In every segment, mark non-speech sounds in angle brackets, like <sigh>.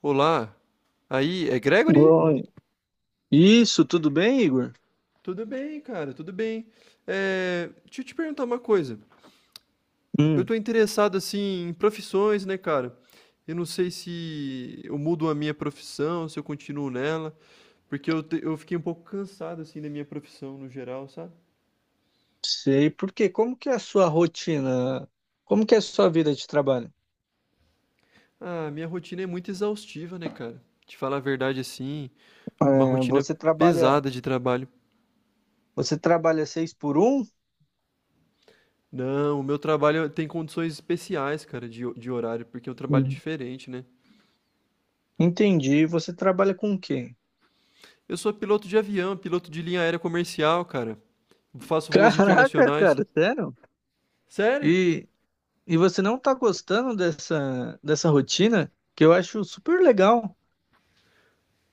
Olá, aí é Gregory? Oi. Isso, tudo bem, Igor? Tudo bem, cara, tudo bem. É, deixa eu te perguntar uma coisa. Eu Hum. tô interessado assim em profissões, né, cara? Eu não sei se eu mudo a minha profissão, se eu continuo nela, porque eu fiquei um pouco cansado assim da minha profissão no geral, sabe? Sei por quê. Como que é a sua rotina? Como que é a sua vida de trabalho? Ah, minha rotina é muito exaustiva, né, cara? Te falar a verdade assim, uma É, rotina Você trabalha, pesada de trabalho. você trabalha seis por um? Não, o meu trabalho tem condições especiais, cara, de horário, porque é um trabalho Uhum. diferente, né? Entendi. Você trabalha com o quê? Eu sou piloto de avião, piloto de linha aérea comercial, cara. <laughs> Faço voos Caraca, internacionais. cara, sério? Sério? E, e você não tá gostando dessa rotina? Que eu acho super legal.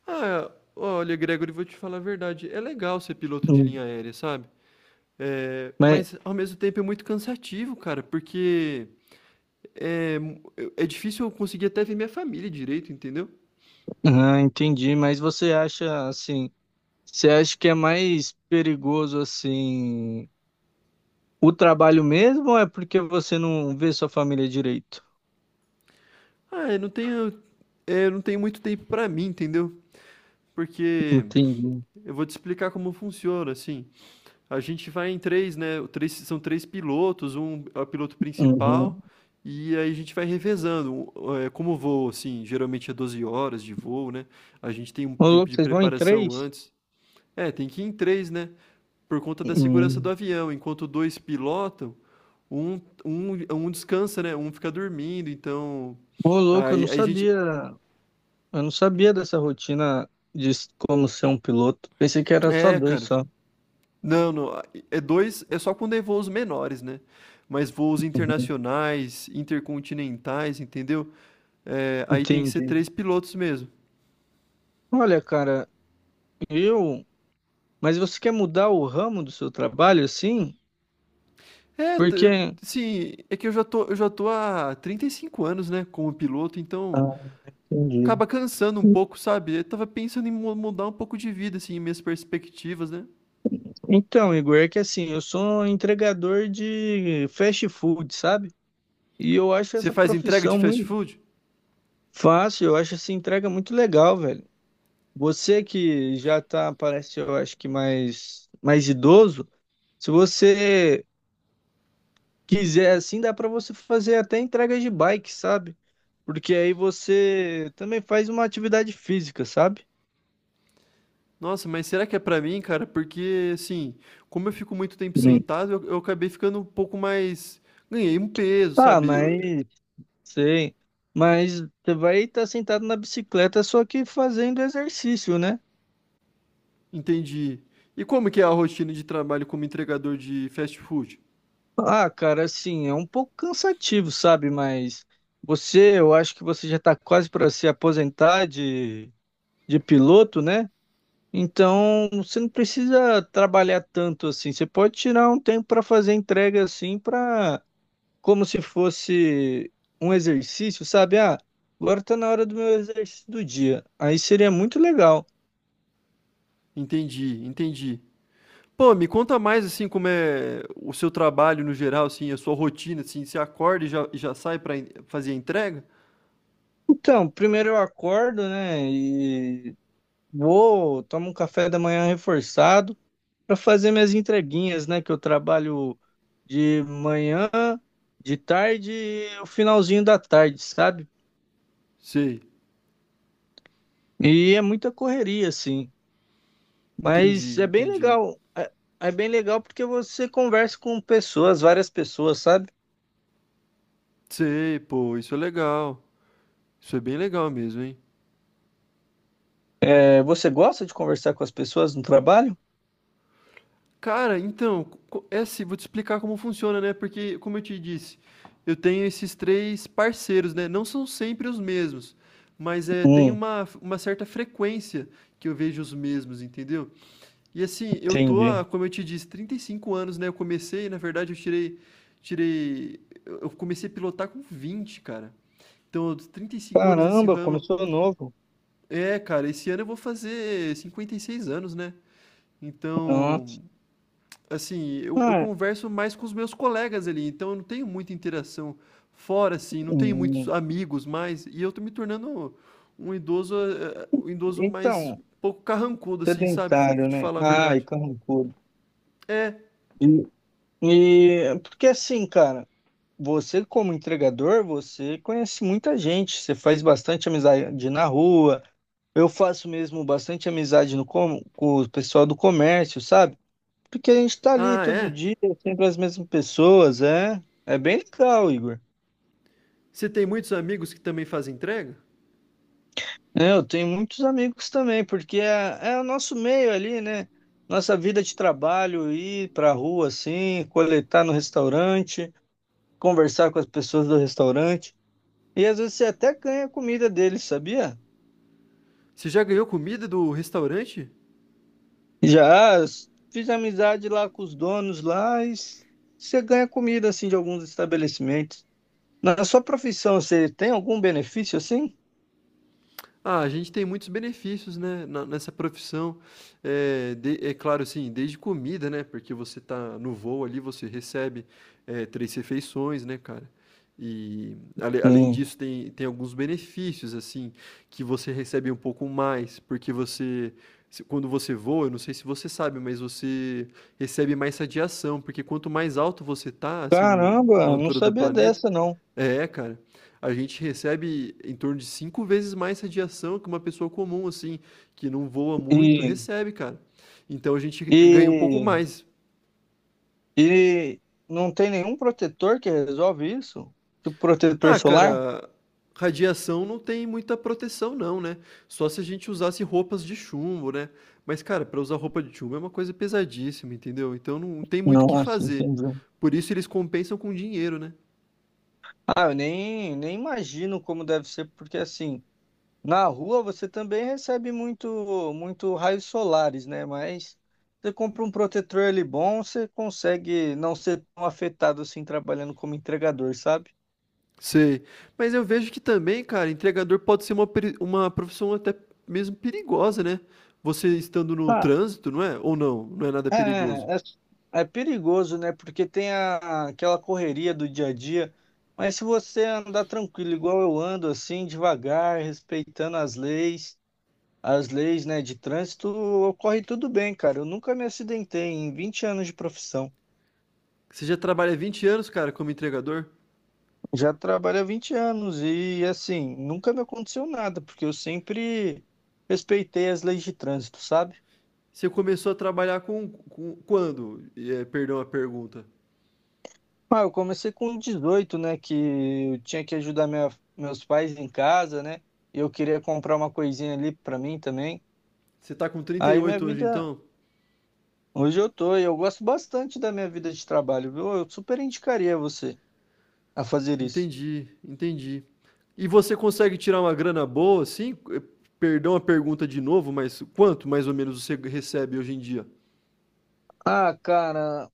Ah, olha, Gregory, vou te falar a verdade. É legal ser piloto de linha Hum. aérea, sabe? É, Mas, mas ao mesmo tempo é muito cansativo, cara, porque é, é difícil eu conseguir até ver minha família direito, entendeu? ah, entendi. Mas você acha assim? Você acha que é mais perigoso assim? O trabalho mesmo ou é porque você não vê sua família direito? Ah, eu não tenho muito tempo pra mim, entendeu? Porque Entendi. eu vou te explicar como funciona, assim. A gente vai em três, né? Três, são três pilotos, um é o piloto Uhum. principal, e aí a gente vai revezando. Como o voo, assim, geralmente é 12 horas de voo, né? A gente tem um Ô, tempo louco, de vocês vão em preparação três? antes. É, tem que ir em três, né? Por conta da segurança do Hum. avião. Enquanto dois pilotam, um descansa, né? Um fica dormindo, então. Ô, louco, eu Aí, não aí a gente. sabia. Eu não sabia dessa rotina de como ser um piloto. Pensei que era só É, dois cara. só. Não, não, a É dois, é só quando é voos menores, né, mas voos Uhum. internacionais, intercontinentais, entendeu, aí tem que ser Entendi. 3 pilotos mesmo. Olha, cara, eu. Mas você quer mudar o ramo do seu trabalho assim? É, t Porque. assim, é que eu já tô há 35 anos, né, como piloto, então Ah, entendi. acaba cansando um pouco, sabe. Eu estava pensando em mu mudar um pouco de vida, assim, minhas perspectivas, né. Então, Igor, é que assim, eu sou entregador de fast food, sabe? E eu acho Você essa faz entrega de profissão fast muito. food? Fácil, eu acho essa entrega muito legal, velho. Você que já tá, parece, eu acho que mais idoso, se você quiser assim, dá para você fazer até entregas de bike, sabe? Porque aí você também faz uma atividade física, sabe? Nossa, mas será que é pra mim, cara? Porque, assim, como eu fico muito tempo Sim. sentado, eu acabei ficando um pouco mais. Ganhei um peso, Tá, sabe? Mas sei. Mas você vai estar sentado na bicicleta só que fazendo exercício, né? Entendi. E como que é a rotina de trabalho como entregador de fast food? Ah, cara, assim, é um pouco cansativo, sabe? Mas você, eu acho que você já está quase para se aposentar de piloto, né? Então, você não precisa trabalhar tanto assim. Você pode tirar um tempo para fazer entrega assim, para como se fosse um exercício, sabe? Ah, agora tá na hora do meu exercício do dia. Aí seria muito legal. Entendi, entendi. Pô, me conta mais, assim, como é o seu trabalho no geral, assim, a sua rotina, assim, você acorda e já sai fazer a entrega? Então, primeiro eu acordo, né? E tomo um café da manhã reforçado. Para fazer minhas entreguinhas, né? Que eu trabalho de manhã, de tarde e o finalzinho da tarde, sabe? Sei, E é muita correria, assim. Mas entendi, é bem entendi. legal. É bem legal porque você conversa com pessoas, várias pessoas, sabe? Sei, pô, isso é legal. Isso é bem legal mesmo, hein? É, você gosta de conversar com as pessoas no trabalho? Cara, então, co é assim, vou te explicar como funciona, né, porque como eu te disse, eu tenho esses 3 parceiros, né, não são sempre os mesmos, mas, é tem Hum, uma certa frequência que eu vejo os mesmos, entendeu. E assim, eu tô Entendi. há, como eu te disse, 35 anos, né, eu comecei na verdade eu tirei tirei eu comecei a pilotar com 20, cara. Então, dos 35 anos nesse Caramba, ramo. começou novo. É, cara, esse ano eu vou fazer 56 anos, né. Então, Nossa. Assim, eu Ah, converso mais com os meus colegas ali, então eu não tenho muita interação fora, assim, não tenho muitos hum, amigos mais, e eu tô me tornando um idoso, um idoso mais um então, pouco carrancudo, assim, sabe, vou sedentário, te né? falar a Ai, verdade. carrancudo. É. E, e porque assim, cara. Você, como entregador, você conhece muita gente, você faz bastante amizade na rua. Eu faço mesmo bastante amizade no com o pessoal do comércio, sabe? Porque a gente tá ali "Ah, todo é? dia, sempre as mesmas pessoas, é. É bem legal, Igor. Você tem muitos amigos que também fazem entrega? É, eu tenho muitos amigos também, porque é o nosso meio ali, né? Nossa vida de trabalho, ir pra rua assim, coletar no restaurante, conversar com as pessoas do restaurante. E às vezes você até ganha a comida deles, sabia? Você já ganhou comida do restaurante?" Já fiz amizade lá com os donos lá e você ganha comida assim de alguns estabelecimentos. Na sua profissão, você tem algum benefício assim? Ah, a gente tem muitos benefícios, né, na nessa profissão, eh, de é claro, assim, desde comida, né, porque você tá no voo ali, você recebe, 3 refeições, né, cara. E ale além Sim. disso tem alguns benefícios, assim, que você recebe um pouco mais, porque você se quando você voa, eu não sei se você sabe, mas você recebe mais radiação, porque quanto mais alto você tá, assim, no na Caramba, não altura do sabia planeta dessa não. é, cara. A gente recebe em torno de 5 vezes mais radiação que uma pessoa comum, assim, que não voa muito, E, recebe, cara. Então a gente ganha um pouco e, mais. e não tem nenhum protetor que resolve isso? Tipo protetor Ah, solar? cara, radiação não tem muita proteção, não, né? Só se a gente usasse roupas de chumbo, né? Mas, cara, para usar roupa de chumbo é uma coisa pesadíssima, entendeu? Então não tem muito o que Nossa, fazer. entendi. Por isso eles compensam com dinheiro, né? Ah, eu nem imagino como deve ser, porque assim, na rua você também recebe muito, muito raios solares, né? Mas você compra um protetor ali bom, você consegue não ser tão afetado assim trabalhando como entregador, sabe? Sei. Mas eu vejo que também, cara, entregador pode ser uma profissão até mesmo perigosa, né? Você estando no Tá. trânsito, não é? Ou não, não é nada É, perigoso. é, é perigoso, né? Porque tem aquela correria do dia a dia. Mas se você andar tranquilo, igual eu ando, assim, devagar, respeitando as leis, né, de trânsito, ocorre tudo bem, cara. Eu nunca me acidentei em 20 anos de profissão. Você já trabalha 20 anos, cara, como entregador? Já trabalho há 20 anos e, assim, nunca me aconteceu nada, porque eu sempre respeitei as leis de trânsito, sabe? Você começou a trabalhar quando? Perdão a pergunta. Ah, eu comecei com 18, né, que eu tinha que ajudar meus pais em casa, né? E eu queria comprar uma coisinha ali pra mim também. Você tá com trinta e Aí minha oito hoje, vida, então? hoje eu tô, e eu gosto bastante da minha vida de trabalho, viu? Eu super indicaria você a fazer isso. Entendi, entendi. E você consegue tirar uma grana boa, assim? Perdão a pergunta de novo, mas quanto mais ou menos você recebe hoje em dia? Ah, cara,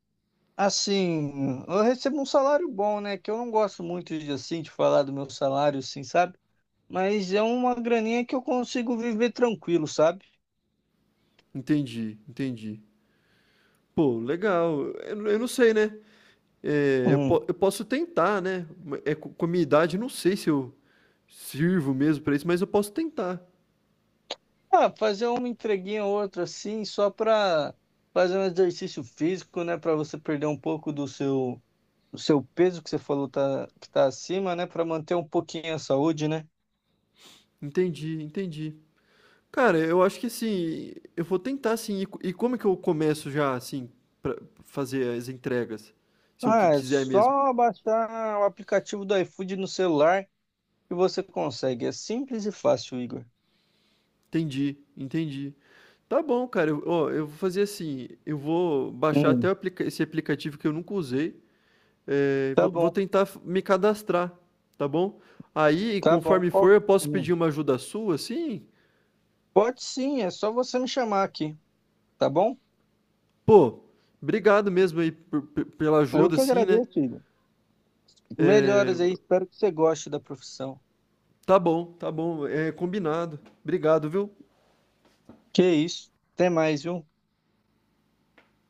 assim, eu recebo um salário bom, né? Que eu não gosto muito de assim de falar do meu salário, assim, sabe? Mas é uma graninha que eu consigo viver tranquilo, sabe? Entendi, entendi. Pô, legal. Eu não sei, né? É, Hum. Eu posso tentar, né? É, com a minha idade, eu não sei se eu sirvo mesmo pra isso, mas eu posso tentar. Ah, fazer uma entreguinha ou outra assim, só para fazer um exercício físico, né? Para você perder um pouco do seu peso que você falou tá, que tá acima, né? Para manter um pouquinho a saúde, né? Entendi, entendi. Cara, eu acho que assim, eu vou tentar assim. E como é que eu começo já, assim, pra fazer as entregas? Se eu Ah, é quiser mesmo. só baixar o aplicativo do iFood no celular e você consegue. É simples e fácil, Igor. Entendi, entendi. Tá bom, cara. Eu, ó, eu vou fazer assim. Eu vou baixar até Hum. o esse aplicativo que eu nunca usei. É, Tá vou bom, tentar me cadastrar, tá bom? Aí, tá bom. conforme for, eu posso Hum. pedir uma ajuda sua, assim? Pode sim, é só você me chamar aqui, tá bom? Pô, obrigado mesmo aí pela Eu ajuda, que assim, né? agradeço, Igor. É, Melhores aí, espero que você goste da profissão. Tá bom, é combinado. Obrigado, viu? Que isso. Até mais, viu?